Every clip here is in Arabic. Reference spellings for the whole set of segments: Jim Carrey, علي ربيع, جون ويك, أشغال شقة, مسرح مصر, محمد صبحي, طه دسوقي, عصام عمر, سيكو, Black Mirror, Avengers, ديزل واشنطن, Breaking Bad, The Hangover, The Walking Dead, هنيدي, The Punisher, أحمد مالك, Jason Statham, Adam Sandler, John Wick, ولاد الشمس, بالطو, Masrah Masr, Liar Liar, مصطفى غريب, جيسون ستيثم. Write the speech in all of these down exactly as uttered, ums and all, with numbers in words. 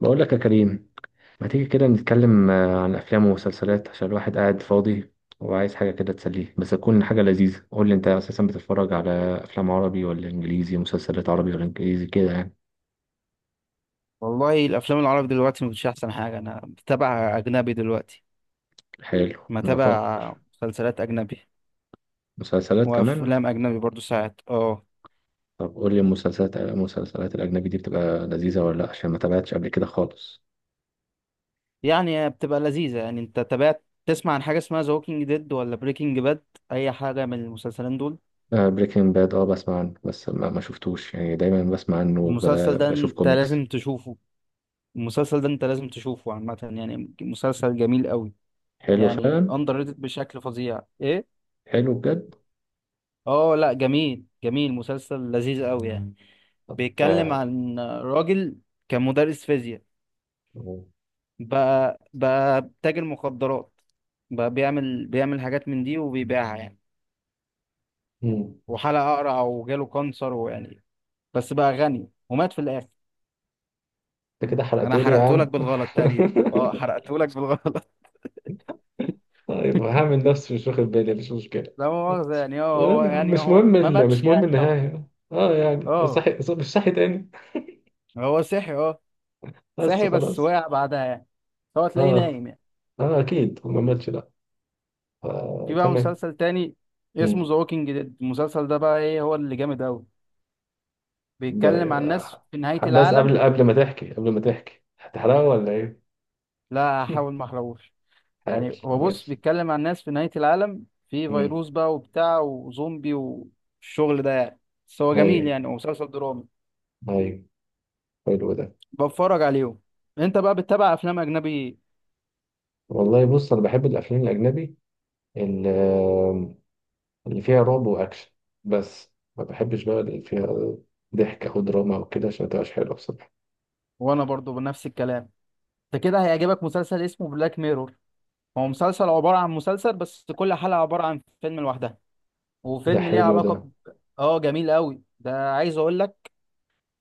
بقول لك يا كريم، ما تيجي كده نتكلم آه، عن افلام ومسلسلات، عشان الواحد قاعد فاضي وعايز حاجه كده تسليه، بس تكون حاجه لذيذه. قول لي، انت اساسا بتتفرج على افلام عربي ولا انجليزي؟ مسلسلات عربي ولا انجليزي كده يعني؟ والله الافلام العربي دلوقتي مش احسن حاجه، انا بتابع اجنبي دلوقتي. حلو، ما تابع نفكر. مسلسلات اجنبي مسلسلات كمان. وافلام اجنبي برضو ساعات اه، طب قول لي، المسلسلات المسلسلات الاجنبي دي بتبقى لذيذه ولا لا؟ عشان ما تابعتش قبل كده خالص. يعني بتبقى لذيذه. يعني انت تابعت تسمع عن حاجه اسمها ذا ووكينج ديد ولا بريكنج باد، اي حاجه من المسلسلين دول. بريكنج باد، اه Breaking Bad، آه، بسمع عنه بس ما, ما شفتوش يعني، دايما بسمع عنه وب- المسلسل ده بشوف انت كوميكس. لازم تشوفه. المسلسل ده انت لازم تشوفه عامه، يعني مسلسل جميل قوي. حلو يعني فعلا. اندر ريتد بشكل فظيع ايه. حلو بجد. اه لا، جميل جميل مسلسل لذيذ قوي يعني. بيتكلم آه. عن راجل كان مدرس فيزياء، بقى بقى تاجر مخدرات. بقى بيعمل بيعمل حاجات من دي وبيبيعها يعني. مم. وحلق اقرع وجاله كانسر ويعني بس بقى غني ومات في الاخر. انت كده انا حرقتولي يا حرقته لك عم. بالغلط تقريبا. اه حرقته لك بالغلط. طيب، هعمل نفسي مش واخد بالي، مش مشكلة. لا مؤاخذة يعني، اه هو المهم يا عم، يعني مش هو مهم ما ال... مش ماتش مهم يعني أوي. النهاية، اه يعني اه، صحي، ص- مش صحي تاني. هو صحي اه. بس صحي بس خلاص. وقع بعدها يعني. هو تلاقيه اه، نايم يعني. اه اكيد ما ماتش، لا. في آه، بقى تمام. مسلسل تاني اسمه مم. ذا ووكينج ديد. المسلسل ده بقى ايه؟ هو اللي جامد أوي. ب... بيتكلم عن ناس في نهاية بس العالم. قبل قبل ما تحكي قبل ما تحكي هتحرقه ولا ايه؟ لا، هحاول ما احرقوش. حاول، يعني هو بص ماشي. بيتكلم عن ناس في نهاية العالم، في مم. فيروس بقى وبتاع وزومبي والشغل ده يعني. بس هو جميل ايوه، يعني، ومسلسل درامي. ايوه، حلو ده. بتفرج عليهم. انت بقى بتتابع افلام اجنبي إيه؟ والله بص، انا بحب الافلام الاجنبي، ال- اللي فيها رعب واكشن. بس ما بحبش بقى اللي فيها ضحك او دراما او كده، عشان ما تبقاش حلوه بصراحه. وانا برضو بنفس الكلام. انت كده هيعجبك مسلسل اسمه بلاك ميرور. هو مسلسل عبارة عن مسلسل بس كل حلقة عبارة عن فيلم لوحدها، ده وفيلم ليه حلو ده. علاقة ب... اه جميل قوي ده، عايز اقول لك.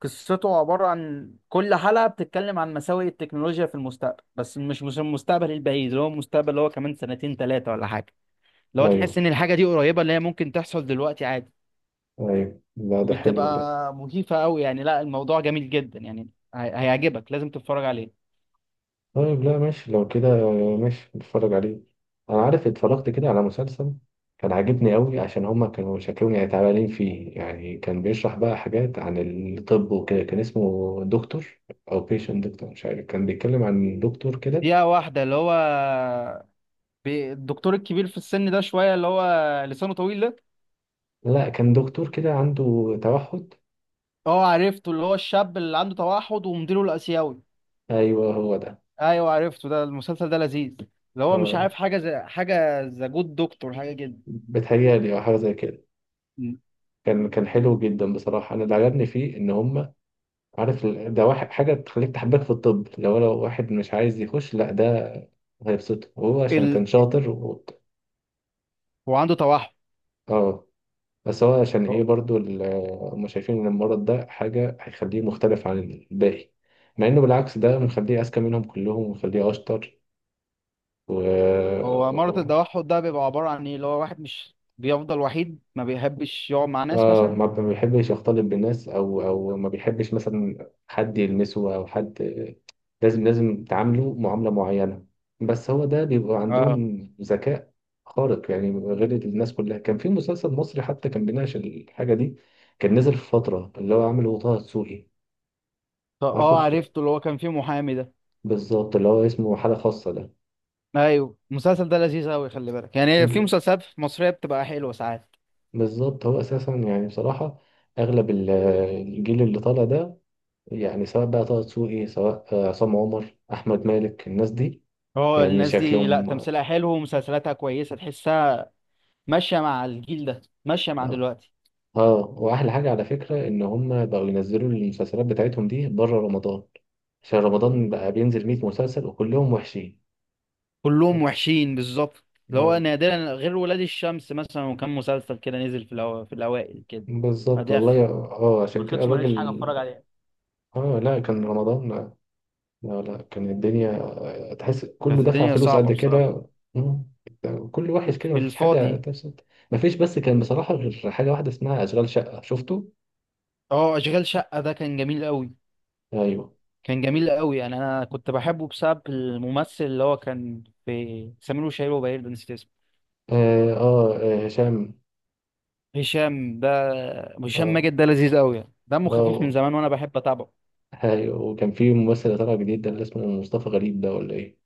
قصته عبارة عن كل حلقة بتتكلم عن مساوئ التكنولوجيا في المستقبل، بس مش مش المستقبل البعيد، اللي هو المستقبل اللي هو كمان سنتين ثلاثة ولا حاجة. اللي هو تحس ايوه، إن الحاجة دي قريبة، اللي هي ممكن تحصل دلوقتي عادي. ايوه، لا ده حلو ده. وبتبقى مخيفة أوي يعني، لا الموضوع جميل جدا يعني. هي- هيعجبك، لازم تتفرج عليه. طيب، لا ماشي لو كده. ماشي، نتفرج عليه. انا عارف، اتفرجت كده على مسلسل كان عاجبني قوي، عشان هما كانوا شكلهم يعني تعبانين فيه يعني، كان بيشرح بقى حاجات عن الطب وكده. كان اسمه دكتور، او بيشنت دكتور، مش عارف، كان بيتكلم عن دكتور كده. دقيقة واحدة، اللي هو بي- الدكتور الكبير في السن ده شوية، اللي هو لسانه طويل ده. لا، كان دكتور كده عنده توحد. اه عرفته، اللي هو الشاب اللي عنده توحد ومديره الآسيوي. ايوه هو ده. ايوه عرفته، ده المسلسل ده لذيذ. اللي هو مش آه. عارف حاجه زي حاجه ذا جود دكتور حاجه كده. بتهيألي، أو حاجة زي كده. م. كان كان حلو جدا بصراحة. أنا اللي عجبني فيه إن هم عارف ال- ده واحد حاجة تخليك تحبك في الطب. لو لو واحد مش عايز يخش، لا ده هيبسطه، وهو عشان ال... كان شاطر و... هو عنده توحد. اه. بس هو عشان إيه هو برضو ال- هم شايفين إن المرض ده حاجة هيخليه مختلف عن الباقي، مع إنه بالعكس ده مخليه أذكى منهم كلهم ومخليه أشطر. و هو مرض التوحد ده بيبقى عباره عن ايه؟ اللي هو واحد مش بيفضل وحيد، ما بيحبش يقعد مع ناس اه، مثلا. ما ما بيحبش يختلط بالناس، او او ما بيحبش مثلا حد يلمسه، او حد لازم لازم تعامله معاملة معينة. بس هو ده بيبقى اه. عندهم ذكاء خارق يعني، غير الناس كلها. كان في مسلسل مصري حتى كان بيناقش الحاجة دي، كان نزل في فترة، اللي هو عامله طه دسوقي. طب عارفه، اه ك- عرفته، اللي هو كان فيه محامي ده. بالظبط، اللي هو اسمه حالة خاصة ده. ايوه، المسلسل ده لذيذ قوي، خلي بالك يعني في ب- مسلسلات مصريه بتبقى حلوه ساعات. بالظبط. هو أساسا يعني بصراحة أغلب ال- الجيل اللي طالع ده، يعني سواء بقى طه دسوقي، سواء آه، عصام عمر، أحمد مالك، الناس دي، هو يعني الناس دي لا، شكلهم. تمثيلها حلو ومسلسلاتها كويسه، تحسها ماشيه مع الجيل ده، ماشيه مع دلوقتي. اه، واحلى حاجه على فكره ان هم بقوا ينزلوا المسلسلات بتاعتهم دي بره رمضان، عشان رمضان بقى بينزل مية مسلسل وكلهم وحشين. كلهم وحشين بالظبط. اللي هو اه، نادرا غير ولاد الشمس مثلا، وكان مسلسل كده نزل في الأو... في الأوائل كده. بالظبط بعديها خ- والله. اه عشان ما كده خدش ما الراجل، لقيتش حاجة اتفرج عليها. اه، لا كان رمضان، لا. لا، لا، كان الدنيا، آه، تحس كله كانت دفع الدنيا فلوس صعبة قد بصراحة. كده. مم. كله وحش كده، في مفيش حاجة الفاضي. تبسط. مفيش، بس كان بصراحة غير حاجة واحدة اسمها أشغال شقة، شفته؟ اه أشغال شقة ده كان جميل قوي. أيوه. كان جميل قوي يعني. أنا كنت بحبه بسبب الممثل اللي هو كان في سمير وشهير وبهير ده، نسيت اسمه. آه، آه، آه، هشام. هشام ده. هشام آه. ماجد ده لذيذ قوي يعني، دمه خفيف من آه. زمان وأنا بحب أتابعه. هاي، وكان في ممثل طالع جديد ده اللي اسمه مصطفى غريب ده ولا ايه؟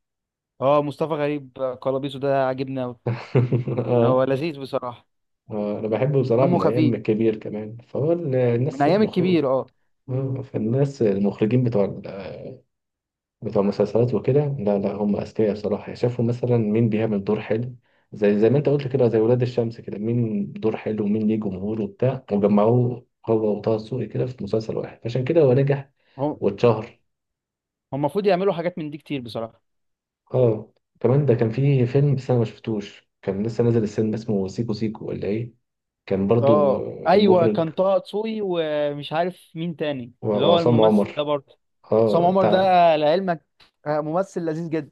اه، مصطفى غريب قلبيسه ده عاجبني قوي. اه. هو لذيذ بصراحة. آه، انا بحبه بصراحه دمه من ايام خفيف. كبير كمان، فهو ال- من الناس ايام المخرج. الكبير اه. آه، فالناس المخرجين بتوع ال- بتوع المسلسلات وكده، لا، لا هم اذكياء بصراحه يعني، شافوا مثلا مين بيعمل دور حلو، زي زي ما انت قلت كده، زي ولاد الشمس كده، مين دور حلو ومين ليه جمهور وبتاع، وجمعوه هو وطه دسوقي كده في مسلسل واحد، عشان كده هو نجح هم. واتشهر. هم المفروض يعملوا حاجات من دي كتير بصراحة. اه. كمان ده كان فيه فيلم بس انا ما شفتوش، كان لسه نازل السينما، اسمه سيكو سيكو ولا ايه؟ كان برضو اه ايوه، المخرج كان طه دسوقي ومش عارف مين تاني، و- اللي هو وعصام عمر. الممثل ده برضه. عصام اه عمر ده، بتاع. لعلمك، آه، ممثل لذيذ جدا.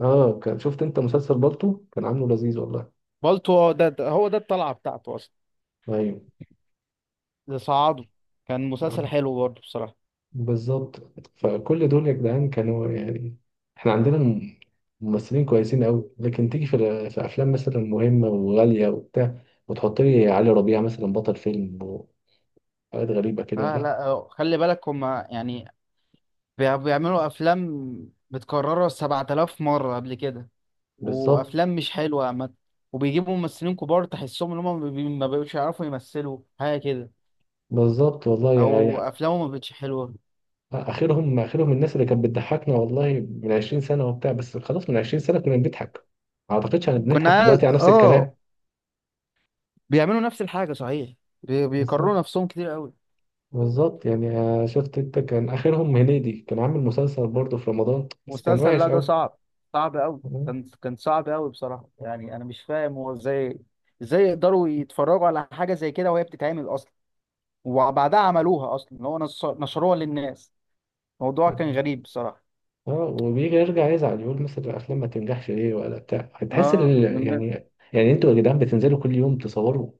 اه، كان شفت انت مسلسل بالطو، كان عامله لذيذ والله. بالطو ده ده- هو ده الطلعة بتاعته أصلا. ايوه. ده صعده. كان ف- مسلسل حلو برضه بصراحة. بالظبط. فكل دول يا جدعان كانوا يعني، احنا عندنا م- ممثلين كويسين قوي، لكن تيجي في, ال- في افلام مثلا مهمه وغاليه وبتاع، وتحط لي علي ربيع مثلا بطل فيلم وحاجات غريبه كده، اه لا. لا، آه، خلي بالك هما يعني بي- بيعملوا افلام متكرره سبعة آلاف مره قبل كده. بالظبط. وافلام مش حلوه عامه. وبيجيبوا ممثلين كبار تحسهم ان هم ما بي- ما بيبقوش يعرفوا يمثلوا حاجه كده، بالظبط والله او يعني. افلامه ما بقتش حلوه. اخرهم اخرهم الناس اللي كانت بتضحكنا والله من عشرين سنه وبتاع، بس خلاص، من عشرين سنه كنا بنضحك، ما اعتقدش ان بنضحك كنا عايز- دلوقتي على نفس اه الكلام. بيعملوا نفس الحاجه صحيح. بي- بالظبط. بيكرروا نفسهم كتير قوي. بالظبط يعني. آه، شفت انت، كان اخرهم هنيدي كان عامل مسلسل برضه في رمضان بس كان مسلسل، وحش لا ده قوي. صعب. صعب قوي، كان كان صعب قوي بصراحة. يعني انا مش فاهم هو ازاي، ازاي يقدروا يتفرجوا على حاجة زي كده وهي بتتعمل اصلا. وبعدها عملوها اصلا، اللي هو نص- نشروها للناس. الموضوع كان غريب بصراحة. اه، وبيجي يرجع يزعل يقول مثلا الافلام ما تنجحش ليه ولا بتاع. هتحس اه ال... والناس. يعني يعني انتوا يا جدعان بتنزلوا كل يوم تصوروا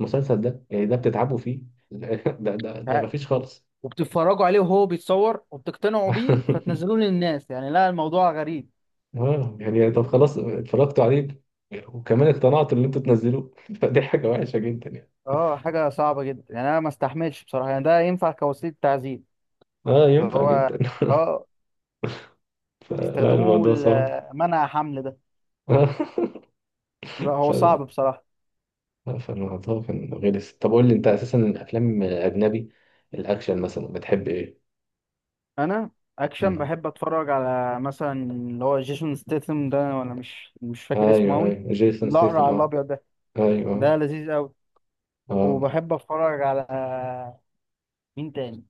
المسلسل ده يعني، ده بتتعبوا فيه. ده ده ده ها- مفيش خالص. وبتتفرجوا عليه وهو بيتصور وبتقتنعوا بيه فتنزلوه للناس يعني، لا الموضوع غريب. اه يعني، طب خلاص اتفرجت عليه، وكمان اقتنعت ان انتوا تنزلوه. فدي حاجة وحشة جدا يعني. اه حاجة صعبة جدا يعني. انا ما استحملش بصراحة، يعني ده ينفع كوسيلة تعذيب. اه، اللي ينفع هو، جدا. اه، فلا، يستخدموه الموضوع صعب. ل- منع حمل ده. آه، لا هو فلا، صعب بصراحة. لا، فالموضوع كان غلس. طب قول لي، انت اساسا الافلام اجنبي، الاكشن مثلا، بتحب ايه؟ انا اكشن مم. بحب اتفرج على مثلا اللي هو جيسون ستيثم ده، ولا مش مش فاكر اسمه ايوه، اوي. ايوه، جيسون الاقرع ستيثم، على اه. الابيض ده. ده ايوه. لذيذ اوي. اه. وبحب اتفرج على مين تاني،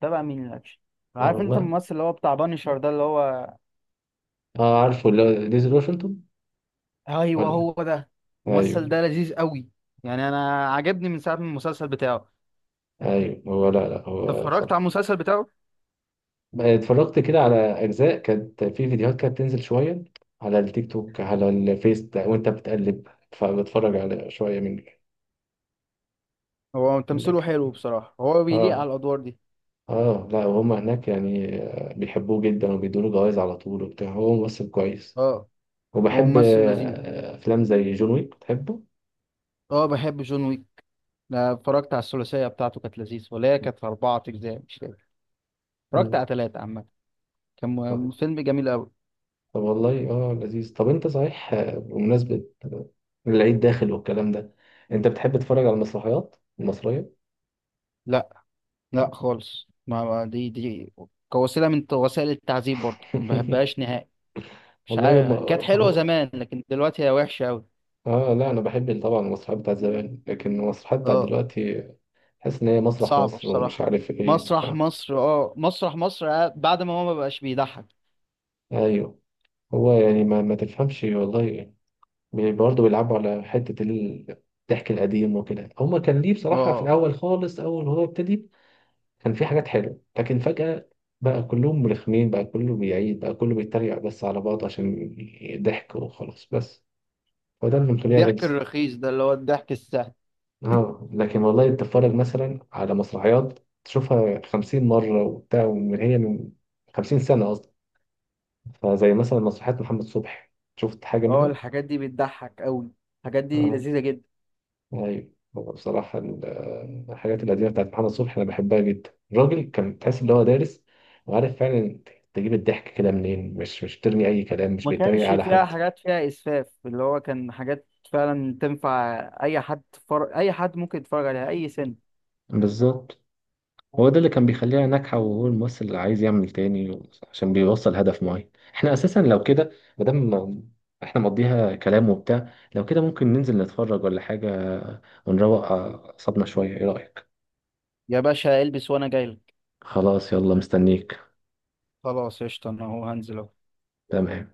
تابع مين الاكشن. آه، عارف انت والله. الممثل اللي هو بتاع بانيشر ده اللي هو؟ اه، عارفه، اللي هو ديزل واشنطن ايوه ولا إيه؟ هو ده. الممثل ايوه. ده لذيذ قوي. يعني انا عجبني من ساعه من المسلسل بتاعه. ايوه هو، لا، لا هو اتفرجت على بصراحة المسلسل بتاعه. اتفرجت كده على اجزاء كانت في فيديوهات كانت بتنزل شويه، على التيك توك، على الفيس ده، وانت بتقلب فبتفرج على شويه من هو تمثيله منك. حلو بصراحة، هو بيليق على اه. الأدوار دي. اه، لا وهم هناك يعني، آه، بيحبوه جدا وبيدوله جوائز على طول وبتاع، هو ممثل كويس. اه هو وبحب ممثل لذيذ. آه، افلام زي جون ويك، بتحبه؟ اه بحب جون ويك. أنا اتفرجت على الثلاثية بتاعته، كانت لذيذة، ولا هي كانت أربعة أجزاء مش فاكر. اتفرجت مم. على ثلاثة عامة. كان م- طب، فيلم جميل أوي. طب والله، اه لذيذ. طب انت صحيح، آه، بمناسبه العيد داخل والكلام ده، انت بتحب تتفرج على المسرحيات المصريه؟ لا لا خالص، ما ما- دي دي كوسيلة من وسائل التعذيب برضه، ما بحبهاش نهائي. مش والله. عارف كانت حلوة هم. زمان لكن دلوقتي هي وحشة أوي. اه، لا انا بحب طبعا المسرحيات بتاعت زمان، لكن المسرحيات بتاعت اه دلوقتي حاسس ان هي مسرح صعبة مصر ومش بصراحة. عارف ايه ف... مسرح مصر، اه مسرح مصر آه، بعد ما هو ما بقاش بيضحك. ايوه. هو يعني ما, ما تفهمش والله. بي- برضه بيلعبوا على حته ال- الضحك القديم وكده، هما كان ليه بصراحه في اه الاول خالص، اول ما هو ابتدي كان في حاجات حلوه، لكن فجاه بقى كلهم مرخمين، بقى كله بيعيد، بقى كله بيتريق بس على بعض عشان ضحك وخلاص، بس وده اللي مخليها الضحك غلسه. الرخيص ده اللي هو الضحك السهل. اه، لكن والله تتفرج مثلا على مسرحيات تشوفها خمسين مرة وبتاع، ومن هي من خمسين سنة أصلا، فزي مثلا مسرحيات محمد صبحي، شفت حاجة اه منها؟ الحاجات دي بتضحك قوي. الحاجات دي اه. لذيذة جدا. أيوة. هو بصراحة ال- آه، الحاجات القديمة بتاعت محمد صبحي أنا بحبها جدا. الراجل كان تحس إن هو دارس وعارف فعلا، تجيب الضحك كده منين، مش مش بترمي أي كلام، مش ما بيتريق كانش على فيها حد. حاجات فيها إسفاف، اللي هو كان حاجات فعلا تنفع أي حد. فر... أي حد ممكن يتفرج عليها أي سن. بالظبط. هو ده اللي كان بيخليها ناجحة، وهو الممثل اللي عايز يعمل تاني عشان بيوصل هدف معين. احنا اساسا لو كده، مادام ما- احنا مقضيها كلام وبتاع، لو كده ممكن ننزل نتفرج ولا حاجة، ونروق أعصابنا شوية، ايه رأيك؟ يا باشا البس وأنا جايلك. خلاص يلا مستنيك. خلاص قشطة، أنا هو هنزل أهو. تمام.